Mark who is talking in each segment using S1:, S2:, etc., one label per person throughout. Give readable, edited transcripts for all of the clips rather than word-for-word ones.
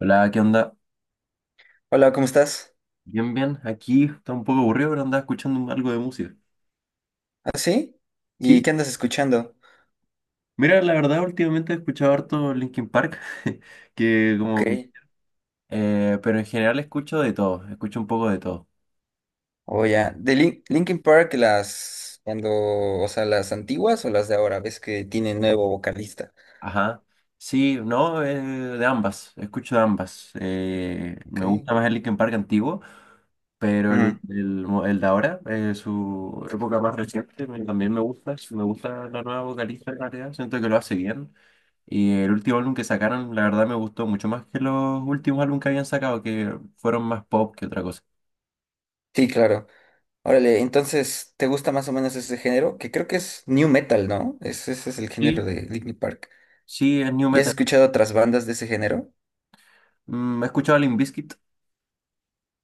S1: Hola, ¿qué onda?
S2: Hola, ¿cómo estás?
S1: Bien, bien. Aquí está un poco aburrido, pero andaba escuchando algo de música.
S2: ¿Ah, sí? ¿Y
S1: Sí,
S2: qué andas escuchando?
S1: mira, la verdad, últimamente he escuchado harto Linkin Park, que como...
S2: Ok.
S1: pero en general escucho de todo, escucho un poco de todo.
S2: O ya. De Linkin Park, las las antiguas o las de ahora, ves que tiene nuevo vocalista.
S1: Ajá. Sí, no, de ambas, escucho de ambas.
S2: Ok.
S1: Me gusta más el Linkin Park antiguo. Pero el,
S2: Ujú.
S1: el, mo- el de ahora, su época más reciente, también me gusta. Me gusta la nueva vocalista en realidad. Siento que lo hace bien. Y el último álbum que sacaron, la verdad me gustó mucho más que los últimos álbumes que habían sacado, que fueron más pop que otra cosa.
S2: Sí, claro. Órale, entonces, ¿te gusta más o menos ese género? Que creo que es new metal, ¿no? Ese es el género
S1: Sí.
S2: de Linkin Park.
S1: Sí, es new
S2: ¿Y has
S1: metal.
S2: escuchado otras bandas de ese género?
S1: He escuchado a Limp Bizkit.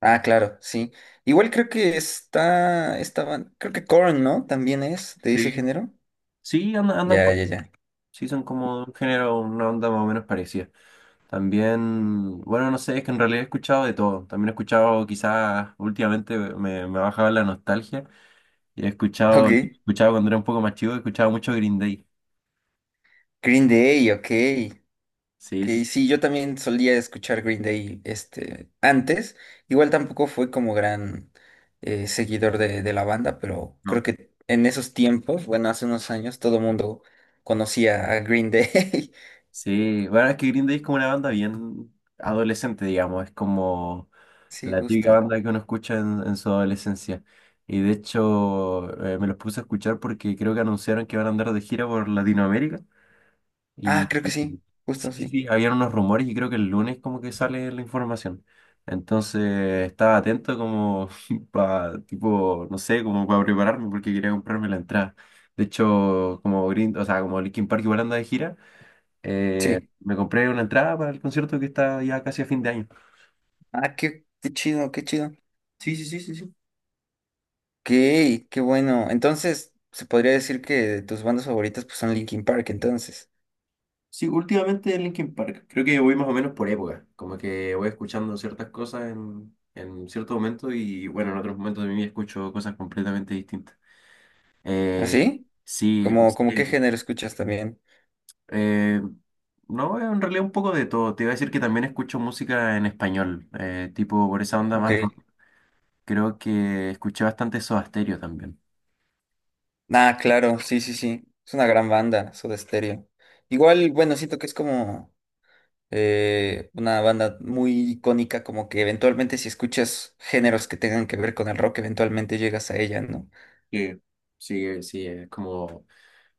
S2: Ah, claro, sí. Igual creo que creo que Korn, ¿no? También es de ese
S1: Sí.
S2: género.
S1: Sí, andan
S2: Ya, ya, ya.
S1: sí, son como un género, una onda más o menos parecida. También, bueno, no sé, es que en realidad he escuchado de todo. También he escuchado, quizás últimamente me ha bajado la nostalgia. Yo he escuchado, he
S2: Ok.
S1: escuchado cuando era un poco más chico, he escuchado mucho Green Day.
S2: Green Day, ok.
S1: Sí, sí,
S2: Que sí, yo también solía escuchar Green Day este, antes. Igual tampoco fue como gran seguidor de la banda, pero
S1: no.
S2: creo que en esos tiempos, bueno, hace unos años, todo el mundo conocía a Green Day.
S1: Sí, bueno, es que Green Day es como una banda bien adolescente, digamos, es como
S2: Sí,
S1: la típica
S2: justo.
S1: banda que uno escucha en su adolescencia. Y de hecho, me los puse a escuchar porque creo que anunciaron que van a andar de gira por Latinoamérica.
S2: Ah,
S1: Y,
S2: creo que
S1: y- y-
S2: sí, justo
S1: sí, sí,
S2: sí.
S1: sí, habían unos rumores y creo que el lunes como que sale la información. Entonces estaba atento como para, tipo, no sé, como para prepararme porque quería comprarme la entrada. De hecho, como o sea, como Linkin Park igual anda de gira,
S2: Sí.
S1: me compré una entrada para el concierto que está ya casi a fin de año.
S2: Ah, qué, qué chido, qué chido. Ok,
S1: Sí, sí, sí, sí, sí.
S2: qué bueno. Entonces, se podría decir que tus bandas favoritas pues, son Linkin Park, entonces.
S1: Sí, últimamente en Linkin Park. Creo que voy más o menos por época. Como que voy escuchando ciertas cosas en ciertos momentos y bueno, en otros momentos de mi vida escucho cosas completamente distintas. Eh,
S2: ¿Así?
S1: sí,
S2: ¿Como como qué
S1: sí,
S2: género escuchas también?
S1: eh, no, en realidad un poco de todo. Te iba a decir que también escucho música en español, tipo por esa onda
S2: Ok.
S1: más rock. Creo que escuché bastante Soda Stereo también.
S2: Ah, claro, sí, sí, sí. Es una gran banda, Soda Stereo. Igual, bueno, siento que es como una banda muy icónica, como que eventualmente si escuchas géneros que tengan que ver con el rock, eventualmente llegas a ella, ¿no?
S1: Sí, sí, sí, es como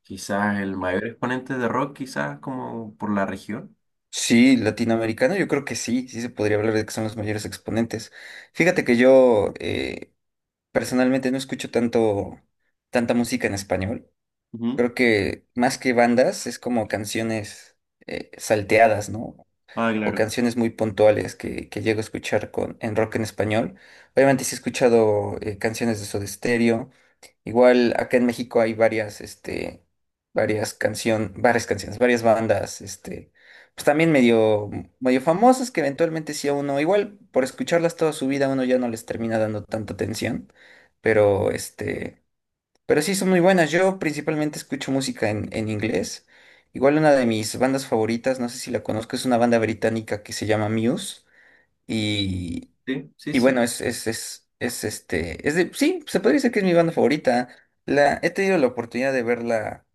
S1: quizás el mayor exponente de rock, quizás como por la región.
S2: Sí, latinoamericano, yo creo que sí, sí se podría hablar de que son los mayores exponentes. Fíjate que yo personalmente no escucho tanto, tanta música en español.
S1: Ujú.
S2: Creo que más que bandas es como canciones salteadas, ¿no?
S1: Ah,
S2: O
S1: claro.
S2: canciones muy puntuales que llego a escuchar en rock en español. Obviamente sí he escuchado canciones de Soda Stereo. Igual acá en México hay varias, este, varias canciones, varias bandas, este, pues también medio famosas que eventualmente sí a uno, igual por escucharlas toda su vida uno ya no les termina dando tanta atención, pero este... Pero sí, son muy buenas. Yo principalmente escucho música en inglés. Igual una de mis bandas favoritas, no sé si la conozco, es una banda británica que se llama Muse. Y,
S1: Sí, sí,
S2: y
S1: sí.
S2: bueno, es este, es de, sí, se podría decir que es mi banda favorita. La, he tenido la oportunidad de verla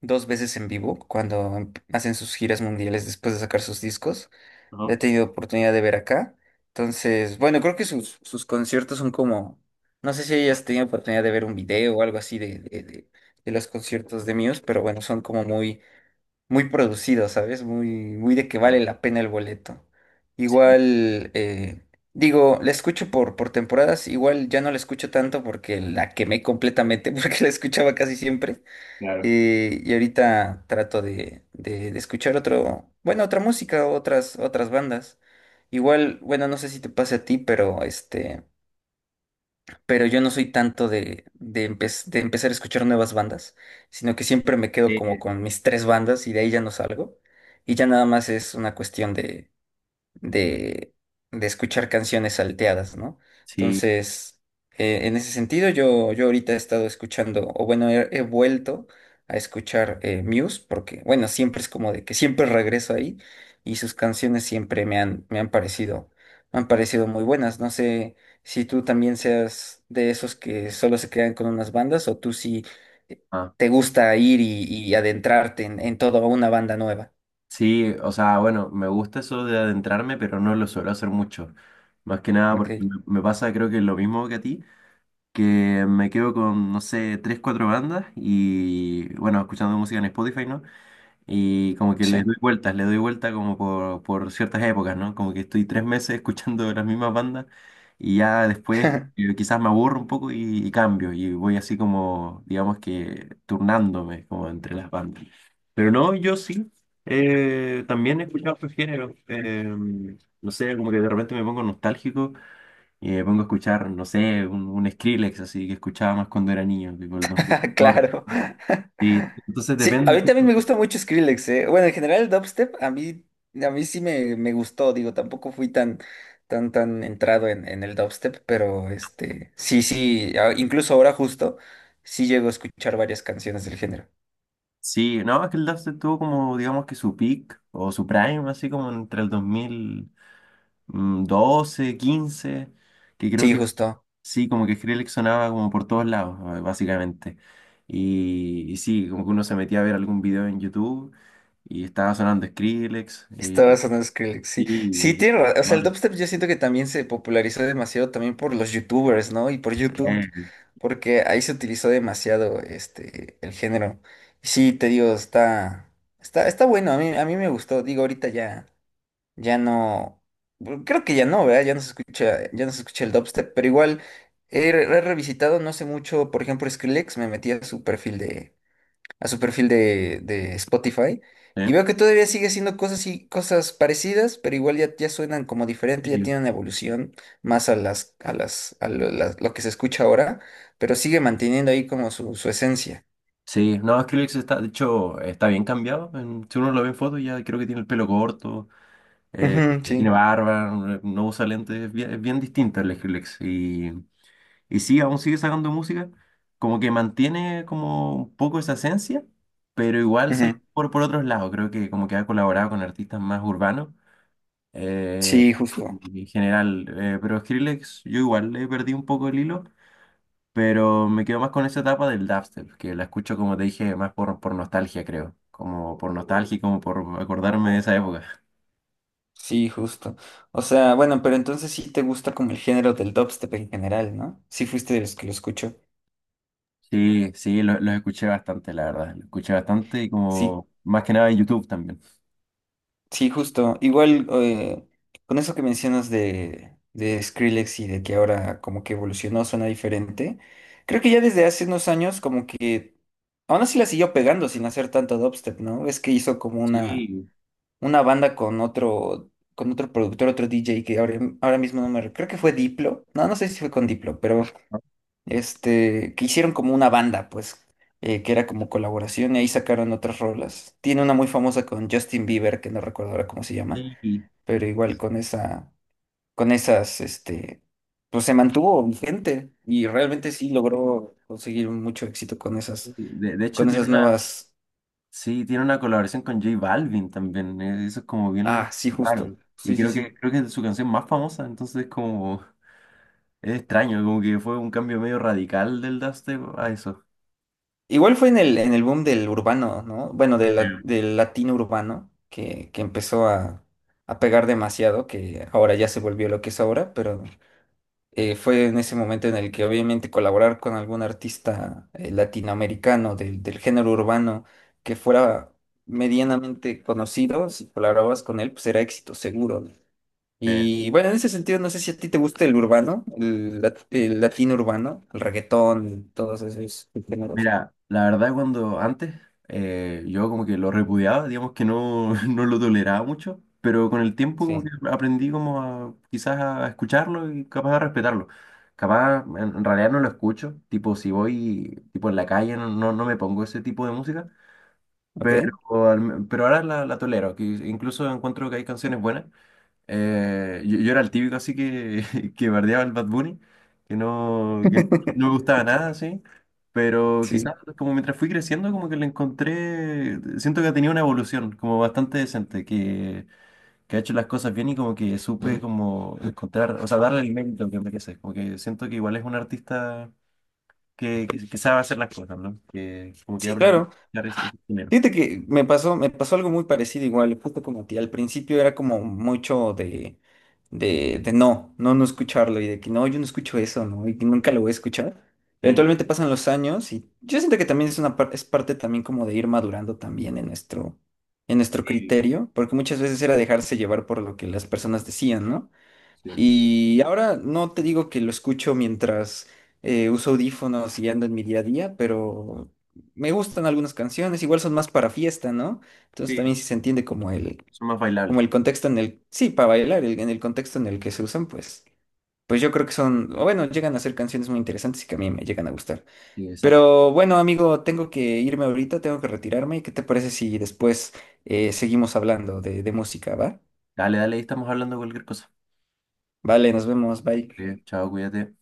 S2: dos veces en vivo cuando hacen sus giras mundiales después de sacar sus discos
S1: Ajá.
S2: he tenido oportunidad de ver acá. Entonces, bueno, creo que sus conciertos son como, no sé si hayas tenido oportunidad de ver un video o algo así de los conciertos de Muse, pero bueno, son como muy, muy producidos, ¿sabes? Muy, muy de que
S1: Claro.
S2: vale la pena el boleto.
S1: Sí,
S2: Igual, digo, la escucho por temporadas, igual ya no la escucho tanto porque la quemé completamente, porque la escuchaba casi siempre.
S1: claro.
S2: Y ahorita trato de escuchar otro, bueno, otra música, otras, otras bandas. Igual, bueno, no sé si te pase a ti, pero este, pero yo no soy tanto de empezar a escuchar nuevas bandas, sino que siempre me quedo
S1: Sí,
S2: como con mis tres bandas y de ahí ya no salgo. Y ya nada más es una cuestión de, de escuchar canciones salteadas, ¿no?
S1: sí.
S2: Entonces, en ese sentido, yo ahorita he estado escuchando, o bueno, he vuelto a escuchar Muse, porque, bueno, siempre es como de que siempre regreso ahí y sus canciones siempre me han parecido muy buenas. No sé si tú también seas de esos que solo se quedan con unas bandas o tú sí eh, te gusta ir y adentrarte en toda una banda nueva.
S1: Sí, o sea, bueno, me gusta eso de adentrarme, pero no lo suelo hacer mucho. Más que nada
S2: Ok,
S1: porque me pasa, creo que es lo mismo que a ti, que me quedo con, no sé, tres, cuatro bandas y, bueno, escuchando música en Spotify, ¿no? Y como que les
S2: sí.
S1: doy vueltas, le doy vuelta como por ciertas épocas, ¿no? Como que estoy tres meses escuchando las mismas bandas y ya después quizás me aburro un poco y cambio y voy así como, digamos que turnándome como entre las bandas. Pero no, yo sí, también he escuchado otros géneros. No sé, como que de repente me pongo nostálgico y me pongo a escuchar, no sé, un, Skrillex así que escuchaba más cuando era niño, tipo el 2014.
S2: Claro.
S1: Sí, entonces
S2: Sí,
S1: depende.
S2: a mí también me gusta mucho Skrillex, eh. Bueno, en general el dubstep a mí sí me gustó, digo, tampoco fui tan, tan, tan entrado en el dubstep, pero este, sí, sí, incluso ahora justo, sí llego a escuchar varias canciones del género.
S1: Sí, no, es que el dubstep tuvo como, digamos que su peak o su prime, así como entre el 2012-2015, que creo
S2: Sí,
S1: que
S2: justo.
S1: sí, como que Skrillex sonaba como por todos lados, básicamente. Y sí, como que uno se metía a ver algún video en YouTube y estaba sonando Skrillex.
S2: Estaba sonando Skrillex, sí. Sí,
S1: Y-
S2: tiene o sea, el
S1: bueno,
S2: dubstep yo siento que también se popularizó demasiado también por los youtubers, ¿no? Y por
S1: eh,
S2: YouTube, porque ahí se utilizó demasiado este, el género. Y sí, te digo, está bueno, a mí me gustó. Digo, ahorita ya, ya no, bueno, creo que ya no, ¿verdad? Ya no se escucha, ya no se escucha el dubstep, pero igual he revisitado no sé mucho, por ejemplo, Skrillex, me metí a su perfil de a su perfil de Spotify y
S1: eh,
S2: veo que todavía sigue haciendo cosas y cosas parecidas, pero igual ya, ya suenan como diferente, ya
S1: sí.
S2: tienen una evolución más a las, a las, a lo, las- lo que se escucha ahora, pero sigue manteniendo ahí como su esencia.
S1: Sí, no, Skrillex está, de hecho, está bien cambiado. Si uno lo ve en fotos, ya creo que tiene el pelo corto. Eh,
S2: Ujú, sí,
S1: Tiene barba, no usa lentes, es bien distinta la Skrillex. Y sí, aún sigue sacando música, como que mantiene como un poco esa esencia, pero igual se ha ido
S2: ujú.
S1: por otros lados. Creo que como que ha colaborado con artistas más urbanos eh,
S2: Sí, justo.
S1: en general. Pero Skrillex, yo igual le perdí un poco el hilo, pero me quedo más con esa etapa del dubstep, que la escucho, como te dije, más por nostalgia, creo. Como por nostalgia y como por acordarme de esa época.
S2: Sí, justo. O sea, bueno, pero entonces sí te gusta como el género del dubstep en general, ¿no? Sí fuiste de los que lo escuchó.
S1: Sí, sí, los escuché bastante, la verdad. Los escuché bastante y
S2: Sí.
S1: como más que nada en YouTube también.
S2: Sí, justo. Igual con eso que mencionas de Skrillex y de que ahora como que evolucionó, suena diferente. Creo que ya desde hace unos años como que aún así la siguió pegando sin hacer tanto dubstep, ¿no? Es que hizo como
S1: Sí,
S2: una banda con otro productor, otro DJ que ahora, ahora mismo no me... creo que fue Diplo. No, no sé si fue con Diplo, pero
S1: ¿no?
S2: este, que hicieron como una banda, pues, que era como colaboración y ahí sacaron otras rolas. Tiene una muy famosa con Justin Bieber, que no recuerdo ahora cómo se llama
S1: Sí, sí.
S2: pero igual con esa, con esas, este, pues se mantuvo vigente y realmente sí logró conseguir mucho éxito
S1: De hecho
S2: con esas
S1: tiene una,
S2: nuevas,
S1: sí, tiene una colaboración con J Balvin también. Eso es como bien
S2: ah, sí,
S1: raro.
S2: justo,
S1: Y
S2: sí, sí,
S1: creo que,
S2: sí.
S1: creo que es su canción más famosa, entonces como es extraño, como que fue un cambio medio radical del dubstep a eso.
S2: Igual fue en el boom del urbano, ¿no? Bueno, del latino urbano, que empezó a pegar demasiado, que ahora ya se volvió lo que es ahora, pero fue en ese momento en el que obviamente colaborar con algún artista latinoamericano del género urbano que fuera medianamente conocido, si colaborabas con él, pues era éxito seguro. ¿No? Y bueno, en ese sentido, no sé si a ti te gusta el urbano, el latino urbano, el reggaetón, todos esos géneros.
S1: Mira, la verdad cuando antes yo como que lo repudiaba, digamos que no, no lo toleraba mucho, pero con el tiempo como
S2: Sí,
S1: que aprendí como a quizás a escucharlo y capaz a respetarlo. Capaz en realidad no lo escucho, tipo si voy tipo en la calle no, no, no me pongo ese tipo de música,
S2: ok.
S1: pero, pero ahora la tolero, que incluso encuentro que hay canciones buenas. Yo era el típico así que, que bardeaba al Bad Bunny, que no me gustaba nada, así. Pero quizás
S2: Sí.
S1: como mientras fui creciendo, como que le encontré, siento que ha tenido una evolución como bastante decente, que ha hecho las cosas bien y como que supe como encontrar, o sea, darle el mérito que merece. Como que siento que igual es un artista que sabe hacer las cosas, ¿no? Que como que
S2: Sí,
S1: aprende a
S2: claro.
S1: dar ese dinero.
S2: Fíjate que me pasó algo muy parecido igual, justo como a ti. Al principio era como mucho de, no, no, no escucharlo y de que no, yo no escucho eso, ¿no? Y que nunca lo voy a escuchar.
S1: Mm,
S2: Eventualmente pasan los años y yo siento que también es una es parte también como de ir madurando también en nuestro
S1: sí,
S2: criterio, porque muchas veces era dejarse llevar por lo que las personas decían, ¿no?
S1: sí,
S2: Y ahora no te digo que lo escucho mientras uso audífonos y ando en mi día a día, pero me gustan algunas canciones, igual son más para fiesta, ¿no? Entonces también
S1: sí,
S2: si se entiende como
S1: son más
S2: como
S1: bailables.
S2: el contexto en el, sí, para bailar, en el contexto en el que se usan, pues, pues yo creo que son, o bueno, llegan a ser canciones muy interesantes y que a mí me llegan a gustar.
S1: Sí, exacto.
S2: Pero bueno, amigo, tengo que irme ahorita, tengo que retirarme. ¿Qué te parece si después seguimos hablando de música, va?
S1: Dale, dale, ahí estamos hablando de cualquier cosa.
S2: Vale, nos vemos, bye.
S1: Bien, chao, cuídate.